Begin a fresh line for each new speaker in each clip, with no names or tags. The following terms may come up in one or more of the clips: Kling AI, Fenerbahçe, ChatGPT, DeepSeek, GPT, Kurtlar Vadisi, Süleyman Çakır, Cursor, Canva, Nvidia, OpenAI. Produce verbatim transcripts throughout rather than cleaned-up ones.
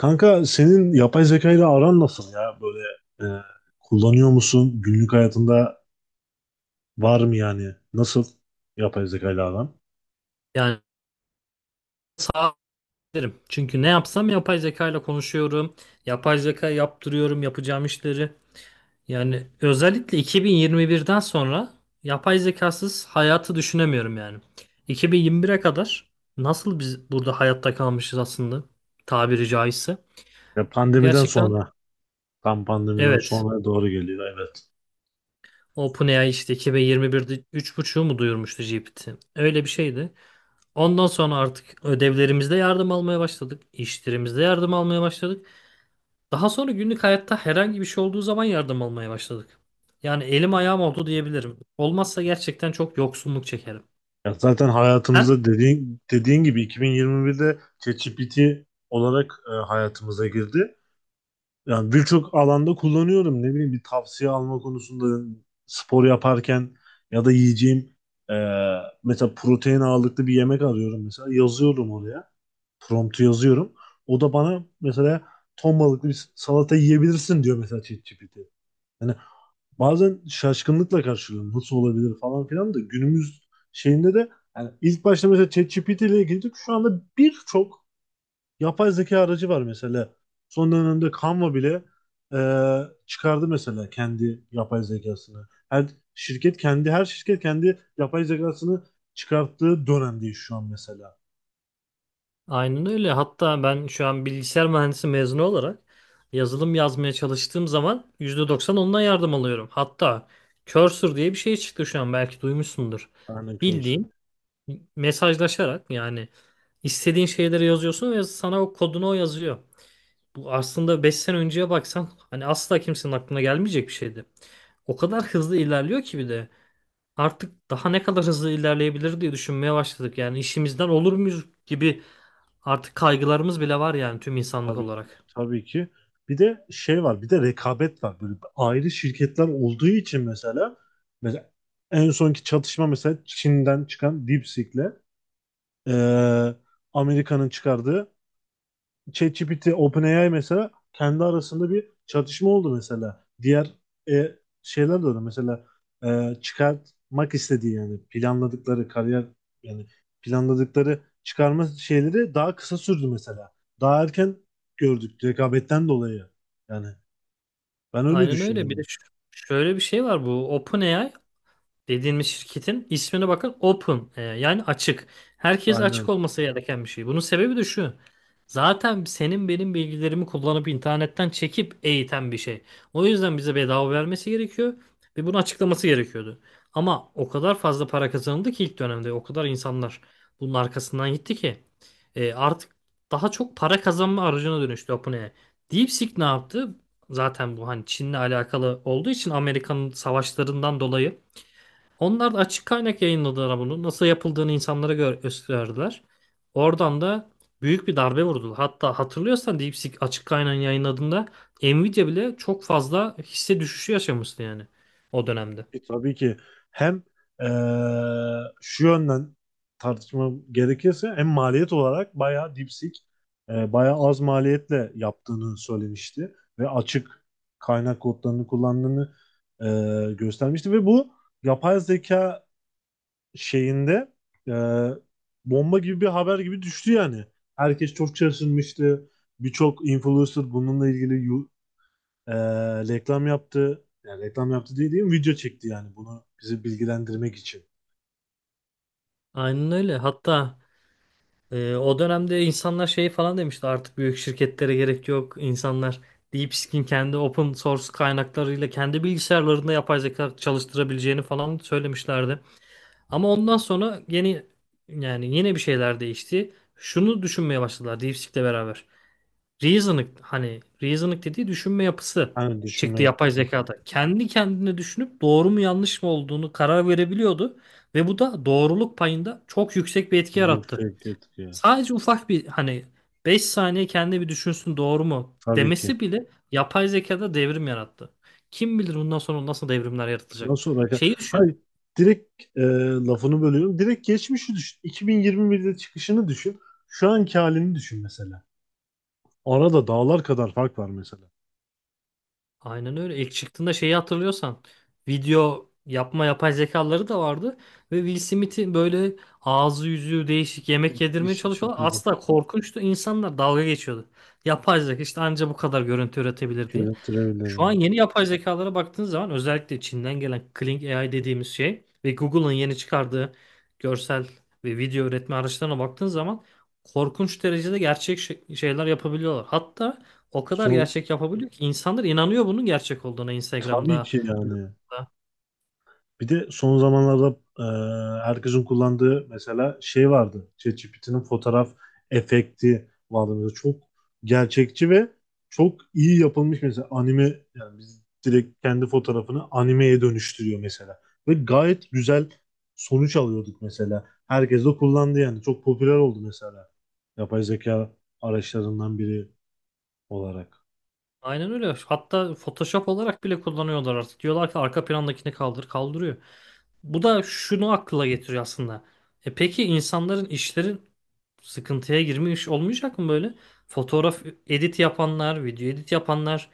Kanka senin yapay zeka ile aran nasıl ya? Böyle e, kullanıyor musun? Günlük hayatında var mı yani? Nasıl yapay zeka ile aran?
Yani sağ derim. Çünkü ne yapsam yapay zeka ile konuşuyorum. Yapay zeka yaptırıyorum yapacağım işleri. Yani özellikle iki bin yirmi birden sonra yapay zekasız hayatı düşünemiyorum yani. iki bin yirmi bire kadar nasıl biz burada hayatta kalmışız aslında tabiri caizse.
Ya pandemiden
Gerçekten
sonra, tam pandemiden
evet.
sonra doğru geliyor, evet.
OpenAI işte iki bin yirmi birde üç buçuğu mu duyurmuştu G P T? Öyle bir şeydi. Ondan sonra artık ödevlerimizde yardım almaya başladık. İşlerimizde yardım almaya başladık. Daha sonra günlük hayatta herhangi bir şey olduğu zaman yardım almaya başladık. Yani elim ayağım oldu diyebilirim. Olmazsa gerçekten çok yoksunluk çekerim.
Ya zaten
Sen?
hayatımızda dediğin, dediğin gibi iki bin yirmi birde ChatGPT olarak e, hayatımıza girdi. Yani birçok alanda kullanıyorum. Ne bileyim, bir tavsiye alma konusunda, spor yaparken ya da yiyeceğim, e, mesela protein ağırlıklı bir yemek arıyorum mesela, yazıyorum oraya. Promptu yazıyorum. O da bana mesela ton balıklı bir salata yiyebilirsin diyor mesela, ChatGPT. Yani bazen şaşkınlıkla karşılıyorum. Nasıl olabilir falan filan, da günümüz şeyinde de yani ilk başta mesela ChatGPT ile ilgili şu anda birçok yapay zeka aracı var mesela. Son dönemde Canva bile e, çıkardı mesela kendi yapay zekasını. Her şirket kendi her şirket kendi yapay zekasını çıkarttığı dönemdeyiz şu an mesela.
Aynen öyle. Hatta ben şu an bilgisayar mühendisi mezunu olarak yazılım yazmaya çalıştığım zaman yüzde doksan ondan yardım alıyorum. Hatta Cursor diye bir şey çıktı şu an belki duymuşsundur.
Örnek karşı.
Bildiğin mesajlaşarak yani istediğin şeyleri yazıyorsun ve sana o kodunu o yazıyor. Bu aslında beş sene önceye baksan hani asla kimsenin aklına gelmeyecek bir şeydi. O kadar hızlı ilerliyor ki bir de. Artık daha ne kadar hızlı ilerleyebilir diye düşünmeye başladık. Yani işimizden olur muyuz gibi artık kaygılarımız bile var yani tüm insanlık
Tabii ki.
olarak.
Tabii ki. Bir de şey var, bir de rekabet var. Böyle ayrı şirketler olduğu için mesela mesela en sonki çatışma mesela Çin'den çıkan DeepSeek'le, e, Amerika'nın çıkardığı ChatGPT, OpenAI mesela kendi arasında bir çatışma oldu mesela. Diğer e, şeyler de öyle. Mesela e, çıkartmak istediği, yani planladıkları kariyer, yani planladıkları çıkarma şeyleri daha kısa sürdü mesela. Daha erken gördük rekabetten dolayı. Yani ben öyle
Aynen öyle. Bir de
düşünüyorum.
ş- şöyle bir şey var, bu OpenAI dediğimiz şirketin ismine bakın, open e, yani açık. Herkes açık
Aynen.
olması gereken bir şey. Bunun sebebi de şu. Zaten senin benim bilgilerimi kullanıp internetten çekip eğiten bir şey. O yüzden bize bedava vermesi gerekiyor ve bunu açıklaması gerekiyordu. Ama o kadar fazla para kazanıldı ki ilk dönemde, o kadar insanlar bunun arkasından gitti ki e, artık daha çok para kazanma aracına dönüştü OpenAI. DeepSeek ne yaptı? Zaten bu hani Çin'le alakalı olduğu için, Amerika'nın savaşlarından dolayı onlar da açık kaynak yayınladılar bunu. Nasıl yapıldığını insanlara gö- gösterdiler. Oradan da büyük bir darbe vurdular. Hatta hatırlıyorsan, DeepSeek açık kaynağın yayınladığında Nvidia bile çok fazla hisse düşüşü yaşamıştı yani o dönemde.
E, Tabii ki hem eee, şu yönden tartışma gerekirse hem maliyet olarak bayağı dipsik, eee bayağı az maliyetle yaptığını söylemişti ve açık kaynak kodlarını kullandığını eee, göstermişti ve bu yapay zeka şeyinde eee, bomba gibi bir haber gibi düştü yani. Herkes çok şaşırmıştı. Birçok influencer bununla ilgili ee, reklam yaptı. Yani reklam yaptı diye değil mi? Video çekti yani, bunu bizi bilgilendirmek için.
Aynen öyle. Hatta e, o dönemde insanlar şey falan demişti, artık büyük şirketlere gerek yok. İnsanlar DeepSeek'in kendi open source kaynaklarıyla kendi bilgisayarlarında yapay zeka çalıştırabileceğini falan söylemişlerdi. Ama ondan sonra yeni, yani yine bir şeyler değişti. Şunu düşünmeye başladılar DeepSeek'le beraber. Reasoning, hani reasoning dediği düşünme yapısı
Hani düşünme
çıktı yapay
yapısı,
zekada. Kendi kendine düşünüp doğru mu yanlış mı olduğunu karar verebiliyordu ve bu da doğruluk payında çok yüksek bir etki yarattı.
yüksek etki.
Sadece ufak bir, hani beş saniye kendi bir düşünsün doğru mu
Tabii ki.
demesi bile yapay zekada devrim yarattı. Kim bilir bundan sonra nasıl devrimler yaratacak.
Nasıl olacak?
Şeyi düşün.
Hayır. Direkt e, lafını bölüyorum. Direkt geçmişi düşün. iki bin yirmi birde çıkışını düşün. Şu anki halini düşün mesela. Arada dağlar kadar fark var mesela.
Aynen öyle. İlk çıktığında şeyi hatırlıyorsan, video yapma yapay zekaları da vardı ve Will Smith'in böyle ağzı yüzü değişik yemek yedirmeye
Değişik bir
çalışıyorlar.
kızım.
Asla korkunçtu. İnsanlar dalga geçiyordu. Yapay zeka işte anca bu kadar görüntü üretebilir diye. Şu an yeni yapay zekalara baktığın zaman, özellikle Çin'den gelen Kling A I dediğimiz şey ve Google'ın yeni çıkardığı görsel ve video üretme araçlarına baktığın zaman korkunç derecede gerçek şey- şeyler yapabiliyorlar. Hatta o kadar
Son,
gerçek yapabiliyor ki insanlar inanıyor bunun gerçek olduğuna,
tabii
Instagram'da,
ki yani.
YouTube'da.
Bir de son zamanlarda e, herkesin kullandığı mesela şey vardı. ChatGPT'nin fotoğraf efekti vardı. Mesela çok gerçekçi ve çok iyi yapılmış mesela anime, yani biz direkt kendi fotoğrafını animeye dönüştürüyor mesela. Ve gayet güzel sonuç alıyorduk mesela. Herkes de kullandı yani. Çok popüler oldu mesela. Yapay zeka araçlarından biri olarak.
Aynen öyle. Hatta Photoshop olarak bile kullanıyorlar artık. Diyorlar ki arka plandakini kaldır, kaldırıyor. Bu da şunu akla getiriyor aslında. E peki, insanların işlerin sıkıntıya girmiş olmayacak mı böyle? Fotoğraf edit yapanlar, video edit yapanlar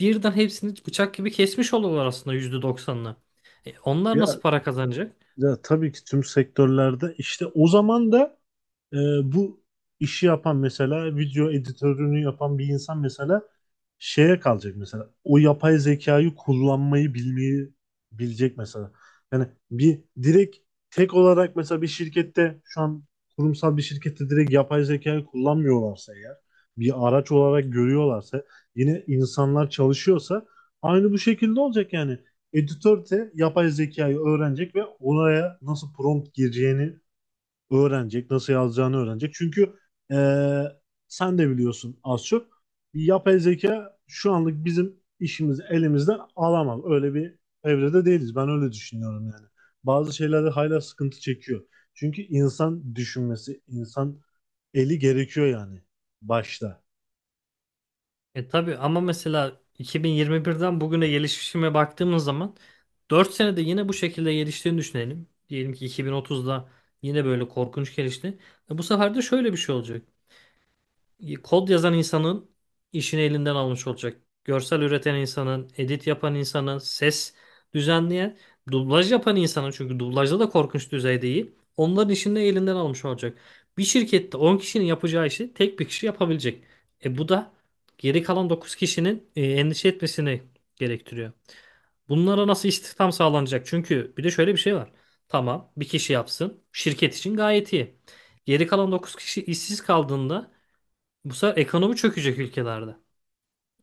birden hepsini bıçak gibi kesmiş oluyorlar aslında yüzde doksanını. E onlar nasıl
Ya,
para kazanacak?
ya tabii ki tüm sektörlerde işte, o zaman da Ee, bu işi yapan mesela video editörünü yapan bir insan mesela şeye kalacak mesela. O yapay zekayı kullanmayı bilmeyi bilecek mesela. Yani bir direkt tek olarak mesela bir şirkette şu an, kurumsal bir şirkette direkt yapay zekayı kullanmıyorlarsa eğer, bir araç olarak görüyorlarsa, yine insanlar çalışıyorsa aynı bu şekilde olacak yani. Editör de yapay zekayı öğrenecek ve oraya nasıl prompt gireceğini öğrenecek, nasıl yazacağını öğrenecek. Çünkü e, sen de biliyorsun az çok. Yapay zeka şu anlık bizim işimizi elimizden alamaz. Öyle bir evrede değiliz. Ben öyle düşünüyorum yani. Bazı şeylerde hala sıkıntı çekiyor. Çünkü insan düşünmesi, insan eli gerekiyor yani başta.
E tabii, ama mesela iki bin yirmi birden bugüne gelişime baktığımız zaman dört senede yine bu şekilde geliştiğini düşünelim. Diyelim ki iki bin otuzda yine böyle korkunç gelişti. E bu sefer de şöyle bir şey olacak, kod yazan insanın işini elinden almış olacak. Görsel üreten insanın, edit yapan insanın, ses düzenleyen, dublaj yapan insanın, çünkü dublajda da korkunç düzeyde iyi. Onların işini de elinden almış olacak. Bir şirkette on kişinin yapacağı işi tek bir kişi yapabilecek. E bu da geri kalan dokuz kişinin e, endişe etmesini gerektiriyor. Bunlara nasıl istihdam sağlanacak? Çünkü bir de şöyle bir şey var. Tamam, bir kişi yapsın. Şirket için gayet iyi. Geri kalan dokuz kişi işsiz kaldığında bu sefer ekonomi çökecek ülkelerde.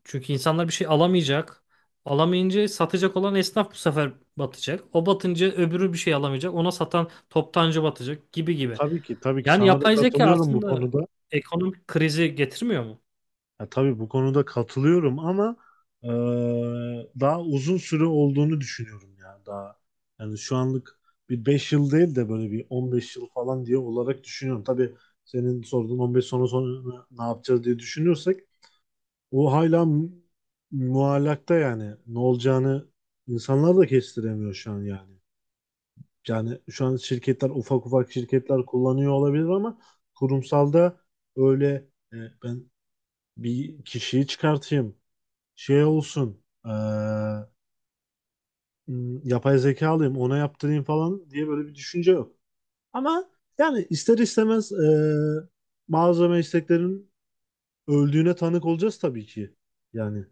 Çünkü insanlar bir şey alamayacak. Alamayınca satacak olan esnaf bu sefer batacak. O batınca öbürü bir şey alamayacak. Ona satan toptancı batacak, gibi gibi.
Tabii ki, tabii ki
Yani
sana da
yapay zeka
katılıyorum bu
aslında
konuda.
ekonomik krizi getirmiyor mu?
Ya tabii bu konuda katılıyorum ama eee, daha uzun süre olduğunu düşünüyorum ya, daha. Yani şu anlık bir beş yıl değil de böyle bir on beş yıl falan diye olarak düşünüyorum. Tabii senin sorduğun on beş sene sonra ne yapacağız diye düşünüyorsak o hala mu- muallakta, yani ne olacağını insanlar da kestiremiyor şu an yani. Yani şu an şirketler, ufak ufak şirketler kullanıyor olabilir ama kurumsalda öyle e, ben bir kişiyi çıkartayım, şey olsun, e, m, yapay zeka alayım ona yaptırayım falan diye böyle bir düşünce yok. Ama yani ister istemez e, bazı mesleklerin öldüğüne tanık olacağız tabii ki. Yani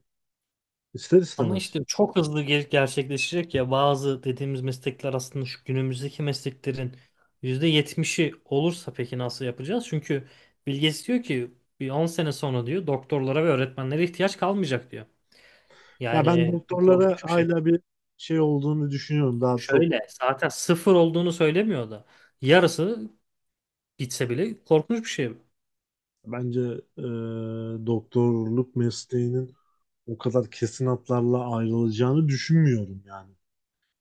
ister
Ama
istemez.
işte çok hızlı gel- gerçekleşecek ya. Bazı dediğimiz meslekler aslında şu günümüzdeki mesleklerin yüzde yetmişi olursa, peki nasıl yapacağız? Çünkü Bill Gates diyor ki bir on sene sonra diyor, doktorlara ve öğretmenlere ihtiyaç kalmayacak diyor.
Ya ben
Yani bu
doktorlara
korkunç bir şey.
hala bir şey olduğunu düşünüyorum. Daha çok
Şöyle, zaten sıfır olduğunu söylemiyor da yarısı gitse bile korkunç bir şey.
bence e, doktorluk mesleğinin o kadar kesin hatlarla ayrılacağını düşünmüyorum yani.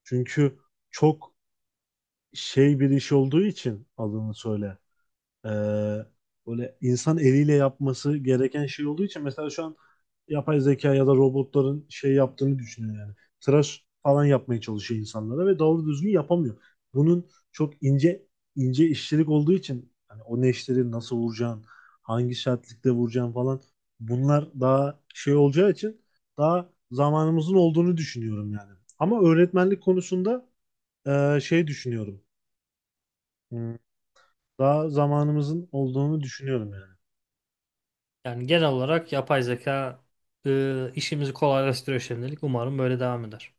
Çünkü çok şey bir iş olduğu için adını söyle. Ee, böyle insan eliyle yapması gereken şey olduğu için mesela şu an yapay zeka ya da robotların şey yaptığını düşünüyor yani. Tıraş falan yapmaya çalışıyor insanlara ve doğru düzgün yapamıyor. Bunun çok ince ince işçilik olduğu için hani o neşteri nasıl vuracağın, hangi sertlikte vuracağın falan, bunlar daha şey olacağı için daha zamanımızın olduğunu düşünüyorum yani. Ama öğretmenlik konusunda e, şey düşünüyorum. Hmm. Daha zamanımızın olduğunu düşünüyorum yani.
Yani genel olarak yapay zeka e, işimizi kolaylaştırıyor şimdilik. Umarım böyle devam eder.